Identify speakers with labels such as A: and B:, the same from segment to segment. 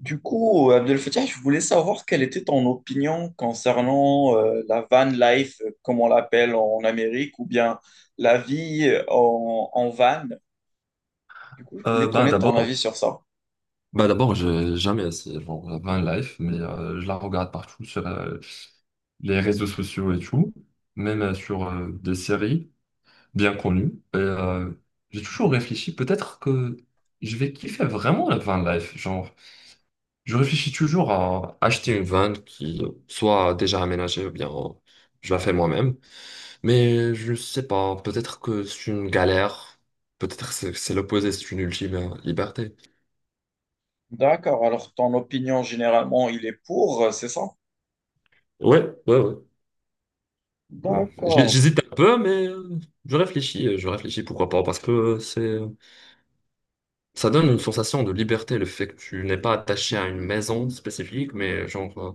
A: Du coup, Abdel Fattah, je voulais savoir quelle était ton opinion concernant la van life, comme on l'appelle en Amérique, ou bien la vie en, en van. Du coup, je voulais
B: Ben
A: connaître ton avis
B: d'abord,
A: sur ça.
B: j'ai jamais essayé genre la van life, mais je la regarde partout sur les réseaux sociaux et tout, même sur des séries bien connues. Et j'ai toujours réfléchi, peut-être que je vais kiffer vraiment la van life. Genre, je réfléchis toujours à acheter une van qui soit déjà aménagée ou bien je la fais moi-même. Mais je sais pas, peut-être que c'est une galère, peut-être que c'est l'opposé, c'est une ultime liberté.
A: D'accord, alors ton opinion généralement, il est pour, c'est ça?
B: Ouais, ouais, ouais. Euh, j'hé-
A: D'accord.
B: J'hésite un peu, mais je réfléchis pourquoi pas, parce que c'est, ça donne une sensation de liberté, le fait que tu n'es pas attaché à une maison spécifique, mais genre,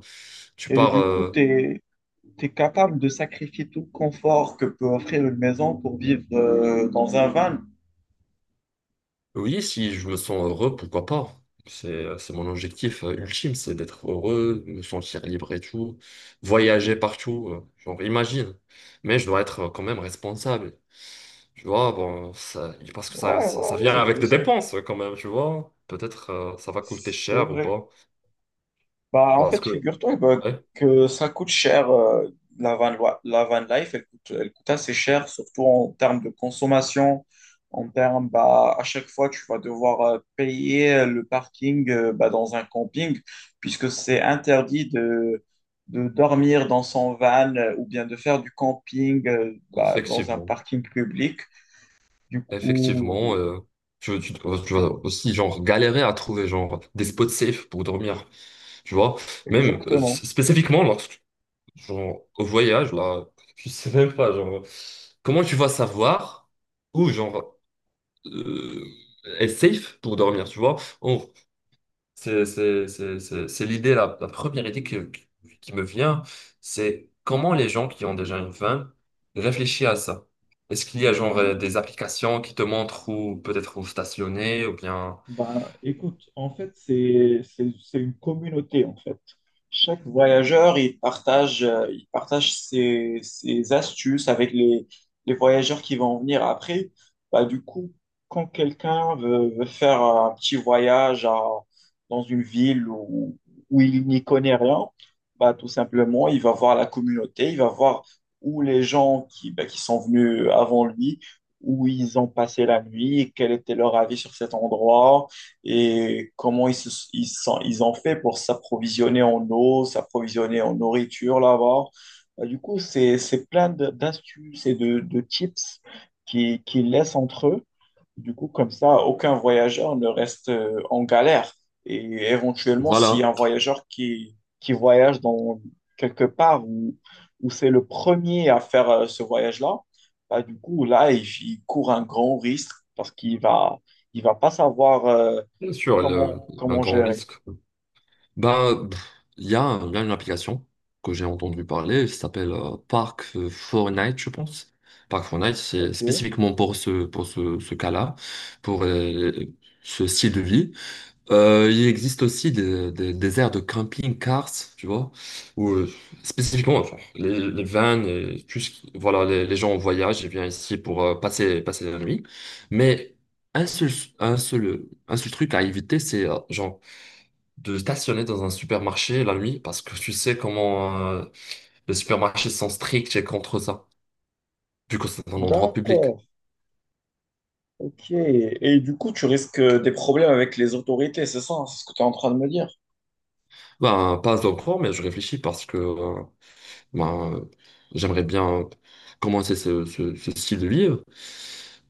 B: tu
A: Et
B: pars,
A: du coup, tu es, capable de sacrifier tout le confort que peut offrir une maison pour vivre dans un van.
B: oui, si je me sens heureux, pourquoi pas? C'est mon objectif ultime, c'est d'être heureux, me sentir libre et tout, voyager partout, genre imagine. Mais je dois être quand même responsable. Tu vois, bon, parce que ça,
A: Ouais,
B: ça, ça
A: ouais,
B: vient
A: ouais,
B: avec
A: je
B: des
A: sais.
B: dépenses quand même, tu vois. Peut-être ça va coûter
A: C'est
B: cher ou
A: vrai.
B: pas.
A: Bah, en
B: Parce
A: fait,
B: que,
A: figure-toi bah,
B: ouais,
A: que ça coûte cher. La van, la van life, elle coûte assez cher, surtout en termes de consommation. En termes, bah, à chaque fois, tu vas devoir payer le parking bah, dans un camping, puisque c'est interdit de dormir dans son van ou bien de faire du camping bah, dans un
B: effectivement,
A: parking public. Du coup.
B: effectivement, euh, tu
A: C'est-
B: vas aussi genre galérer à trouver genre des spots safe pour dormir, tu vois. Même
A: Exactement.
B: spécifiquement lorsque genre, au voyage, là, je sais même pas, genre, comment tu vas savoir où, genre, euh, est safe pour dormir, tu vois? C'est l'idée, la première qui me vient, c'est comment les gens qui ont déjà une femme réfléchissent à ça. Est-ce qu'il y a, genre, des applications qui te montrent où, peut-être où stationner, ou bien.
A: Ben, écoute, en fait, c'est une communauté, en fait. Chaque voyageur, il partage ses, ses astuces avec les voyageurs qui vont venir après. Bah, du coup, quand quelqu'un veut, veut faire un petit voyage dans une ville où, où il n'y connaît rien, bah, tout simplement, il va voir la communauté, il va voir où les gens qui, bah, qui sont venus avant lui, où ils ont passé la nuit, quel était leur avis sur cet endroit et comment ils, se- ils, sont- ils ont fait pour s'approvisionner en eau, s'approvisionner en nourriture là-bas. Bah, du coup, c'est plein d'astuces et de tips qu'ils laissent entre eux. Du coup, comme ça, aucun voyageur ne reste en galère. Et éventuellement, s'il y
B: Voilà.
A: a un voyageur qui voyage dans quelque part où, où c'est le premier à faire ce voyage-là, bah, du coup, là, il court un grand risque parce qu'il va, il va pas savoir
B: Bien sûr,
A: comment,
B: un
A: comment
B: grand
A: gérer.
B: risque. Ben, pff, il y a une application que j'ai entendu parler, qui s'appelle Park Fortnite, je pense. Park Fortnite, c'est
A: Ok,
B: spécifiquement pour ce cas-là, pour ce style de vie. Il existe aussi des aires de camping-cars, tu vois, où spécifiquement, enfin, les vans, et tout ce voilà, les gens en voyage, ils viennent ici pour passer, passer la nuit. Mais un seul, un seul truc à éviter, c'est genre de stationner dans un supermarché la nuit parce que tu sais comment les supermarchés sont stricts et contre ça, vu que c'est un endroit public.
A: d'accord. Ok. Et du coup, tu risques des problèmes avec les autorités, c'est ça? C'est ce que tu es en train de me dire.
B: Ben, pas encore, mais je réfléchis parce que ben, euh, j'aimerais bien commencer ce style de livre.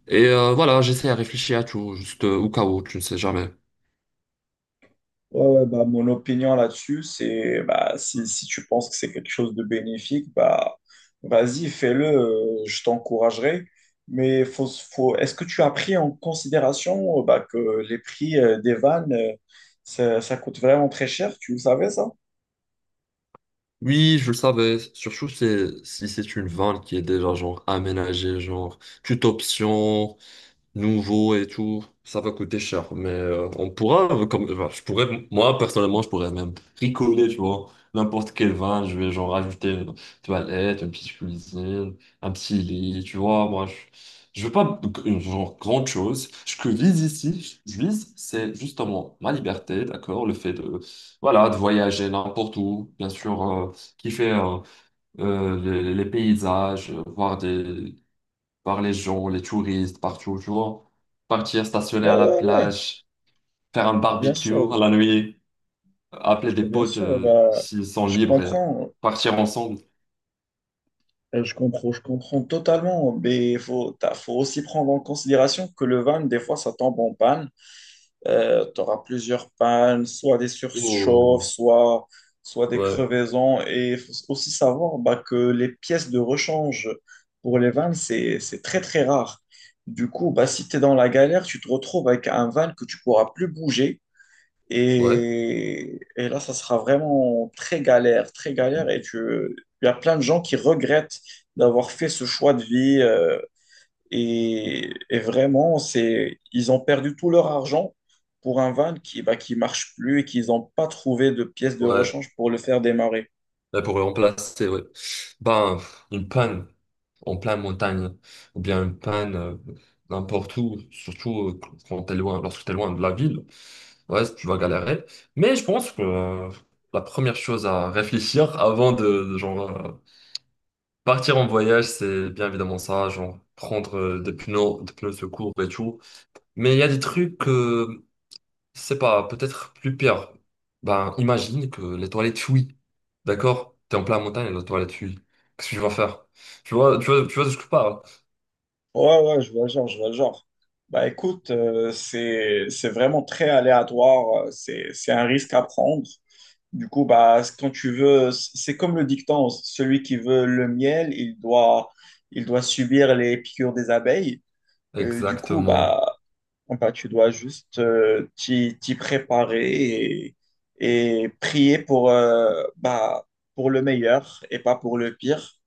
B: Et voilà, j'essaie à réfléchir à tout, juste au cas où, tu ne sais jamais.
A: Ouais, ouais, bah, mon opinion là-dessus, c'est bah, si, si tu penses que c'est quelque chose de bénéfique, bah, vas-y, fais-le, je t'encouragerai. Mais faut, faut, est-ce que tu as pris en considération bah, que les prix des vannes, ça, ça coûte vraiment très cher, tu le savais ça?
B: Oui, je le savais, surtout si c'est une vanne qui est déjà genre aménagée, genre toute option, nouveau et tout, ça va coûter cher. Mais on pourra, enfin, je pourrais, moi personnellement, je pourrais même bricoler, tu vois, n'importe quel vin, je vais genre rajouter une toilette, une petite cuisine, un petit lit, tu vois, moi, je veux pas une genre grande chose. Ce que vise ici, je vise, c'est justement ma liberté, d'accord, le fait de, voilà, de voyager n'importe où, bien sûr, kiffer les paysages, voir des par les gens, les touristes, partout, tu vois. Partir stationner
A: Ouais,
B: à la
A: ouais, ouais,
B: plage, faire un
A: bien
B: barbecue
A: sûr,
B: à la nuit, appeler des
A: bien
B: potes
A: sûr, bah,
B: s'ils sont
A: je
B: libres, et
A: comprends,
B: partir ensemble.
A: je comprends, je comprends totalement, mais il faut, faut aussi prendre en considération que le van, des fois, ça tombe en panne. Tu auras plusieurs pannes, soit des surchauffes,
B: Ouh,
A: soit, soit des
B: ouais,
A: crevaisons. Et il faut aussi savoir bah, que les pièces de rechange pour les vannes, c'est très, très rare. Du coup, bah, si tu es dans la galère, tu te retrouves avec un van que tu pourras plus bouger.
B: ouais,
A: Et là, ça sera vraiment très galère, très galère. Et tu, il y a plein de gens qui regrettent d'avoir fait ce choix de vie. Et vraiment, c'est, ils ont perdu tout leur argent pour un van qui, bah, qui marche plus et qu'ils n'ont pas trouvé de pièces de
B: ouais.
A: rechange pour le faire démarrer.
B: Et pour remplacer, ouais. Ben, une panne en pleine montagne, ou bien une panne n'importe où, surtout lorsque t'es loin de la ville, ouais, tu vas galérer. Mais je pense que la première chose à réfléchir avant de partir en voyage, c'est bien évidemment ça, genre prendre des pneus secours et tout. Mais il y a des trucs que, je sais pas, peut-être plus pire. Ben, imagine que les toilettes fuient. D'accord? T'es en plein montagne et les toilettes fuient. Qu'est-ce que tu vas faire? Tu vois de ce que je parle?
A: Ouais, ouais, je vois le genre, je vois le genre. Bah écoute, c'est vraiment très aléatoire, c'est un risque à prendre. Du coup, bah, quand tu veux, c'est comme le dicton, celui qui veut le miel, il doit subir les piqûres des abeilles. Du coup,
B: Exactement.
A: bah, ah bah, tu dois juste t'y préparer et prier pour, bah, pour le meilleur et pas pour le pire.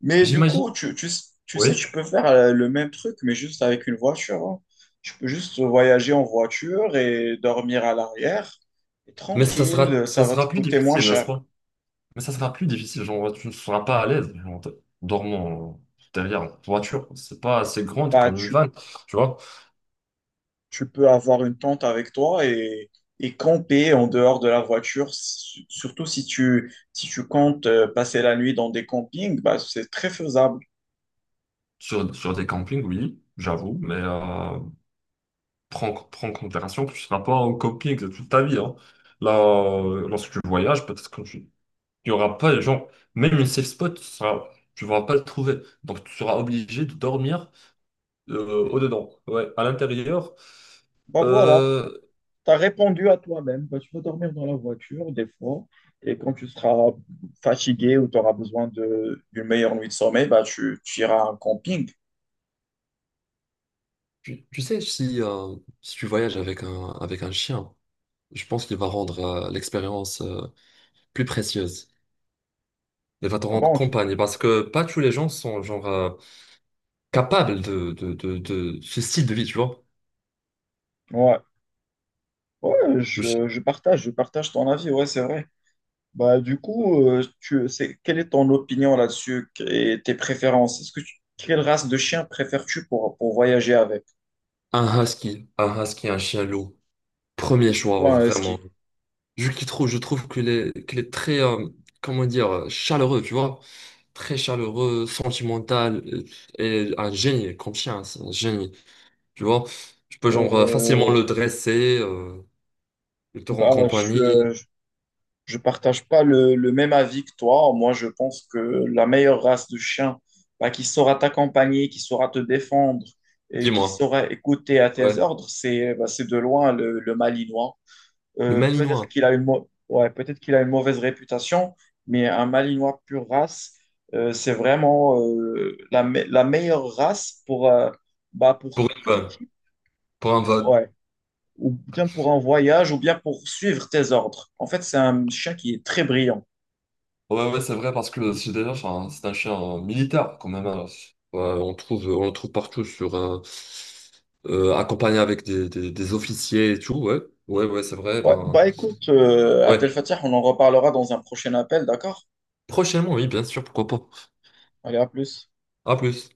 A: Mais du
B: J'imagine.
A: coup, tu sais,
B: Oui.
A: tu peux faire le même truc, mais juste avec une voiture. Hein. Tu peux juste voyager en voiture et dormir à l'arrière. Et
B: Mais
A: tranquille,
B: ça
A: ça va te
B: sera plus
A: coûter moins
B: difficile, n'est-ce
A: cher.
B: pas? Mais ça sera plus difficile. Genre, tu ne seras pas à l'aise, genre, en dormant derrière une voiture. C'est pas assez grande
A: Bah,
B: comme une
A: tu
B: vanne. Tu vois?
A: tu peux avoir une tente avec toi et camper en dehors de la voiture. Surtout si tu, si tu comptes passer la nuit dans des campings, bah, c'est très faisable.
B: Sur des campings, oui, j'avoue, mais prends en considération que tu ne seras pas en camping de toute ta vie. Hein. Là, lorsque tu voyages, peut-être que tu n'y aura pas, les gens même une safe spot, tu seras, tu vas pas le trouver. Donc, tu seras obligé de dormir au-dedans, ouais, à l'intérieur.
A: Bah voilà,
B: Euh,
A: tu as répondu à toi-même. Bah, tu vas dormir dans la voiture des fois. Et quand tu seras fatigué ou tu auras besoin de, d'une meilleure nuit de sommeil, bah, tu iras à un camping.
B: tu sais, si tu voyages avec avec un chien, je pense qu'il va rendre l'expérience plus précieuse. Il va te
A: Ah
B: rendre
A: bon,
B: compagnie parce que pas tous les gens sont genre capable de ce style de vie, tu vois.
A: ouais, ouais
B: Le chi-
A: je partage ton avis, ouais, c'est vrai. Bah, du coup, tu, c'est, quelle est ton opinion là-dessus et tes préférences? Quelle race de chien préfères-tu pour voyager avec?
B: Un husky, un chien loup, premier
A: Mais
B: choix,
A: pourquoi un husky?
B: vraiment. Je trouve qu'il est très, comment dire, chaleureux, tu vois. Très chaleureux, sentimental, et un génie, comme chien, c'est un génie, tu vois. Tu peux genre facilement
A: Euh,
B: le dresser, il te rend
A: Bah, je,
B: compagnie.
A: je partage pas le, le même avis que toi. Moi, je pense que la meilleure race de chien, bah, qui saura t'accompagner, qui saura te défendre et qui
B: Dis-moi,
A: saura écouter à tes
B: ouais.
A: ordres, c'est bah, c'est de loin le Malinois.
B: Le
A: Peut-être
B: malinois,
A: qu'il a une ouais, peut-être qu'il a une mauvaise réputation, mais un Malinois pure race, c'est vraiment la, la meilleure race pour, bah, pour
B: pour une
A: tout
B: vanne,
A: type,
B: pour un van.
A: ouais. Ou bien pour un voyage, ou bien pour suivre tes ordres. En fait, c'est un chien qui est très brillant.
B: Ouais, ouais, c'est vrai, parce que c'est déjà enfin, c'est un chien militaire, quand même. Hein. Ouais, on trouve, on le trouve partout, accompagné avec des officiers et tout, ouais. Ouais, ouais, c'est vrai.
A: Ouais.
B: Ben,
A: Bah écoute, Abdel
B: ouais.
A: Fattah, on en reparlera dans un prochain appel, d'accord?
B: Prochainement, oui, bien sûr, pourquoi pas.
A: Allez, à plus.
B: À plus.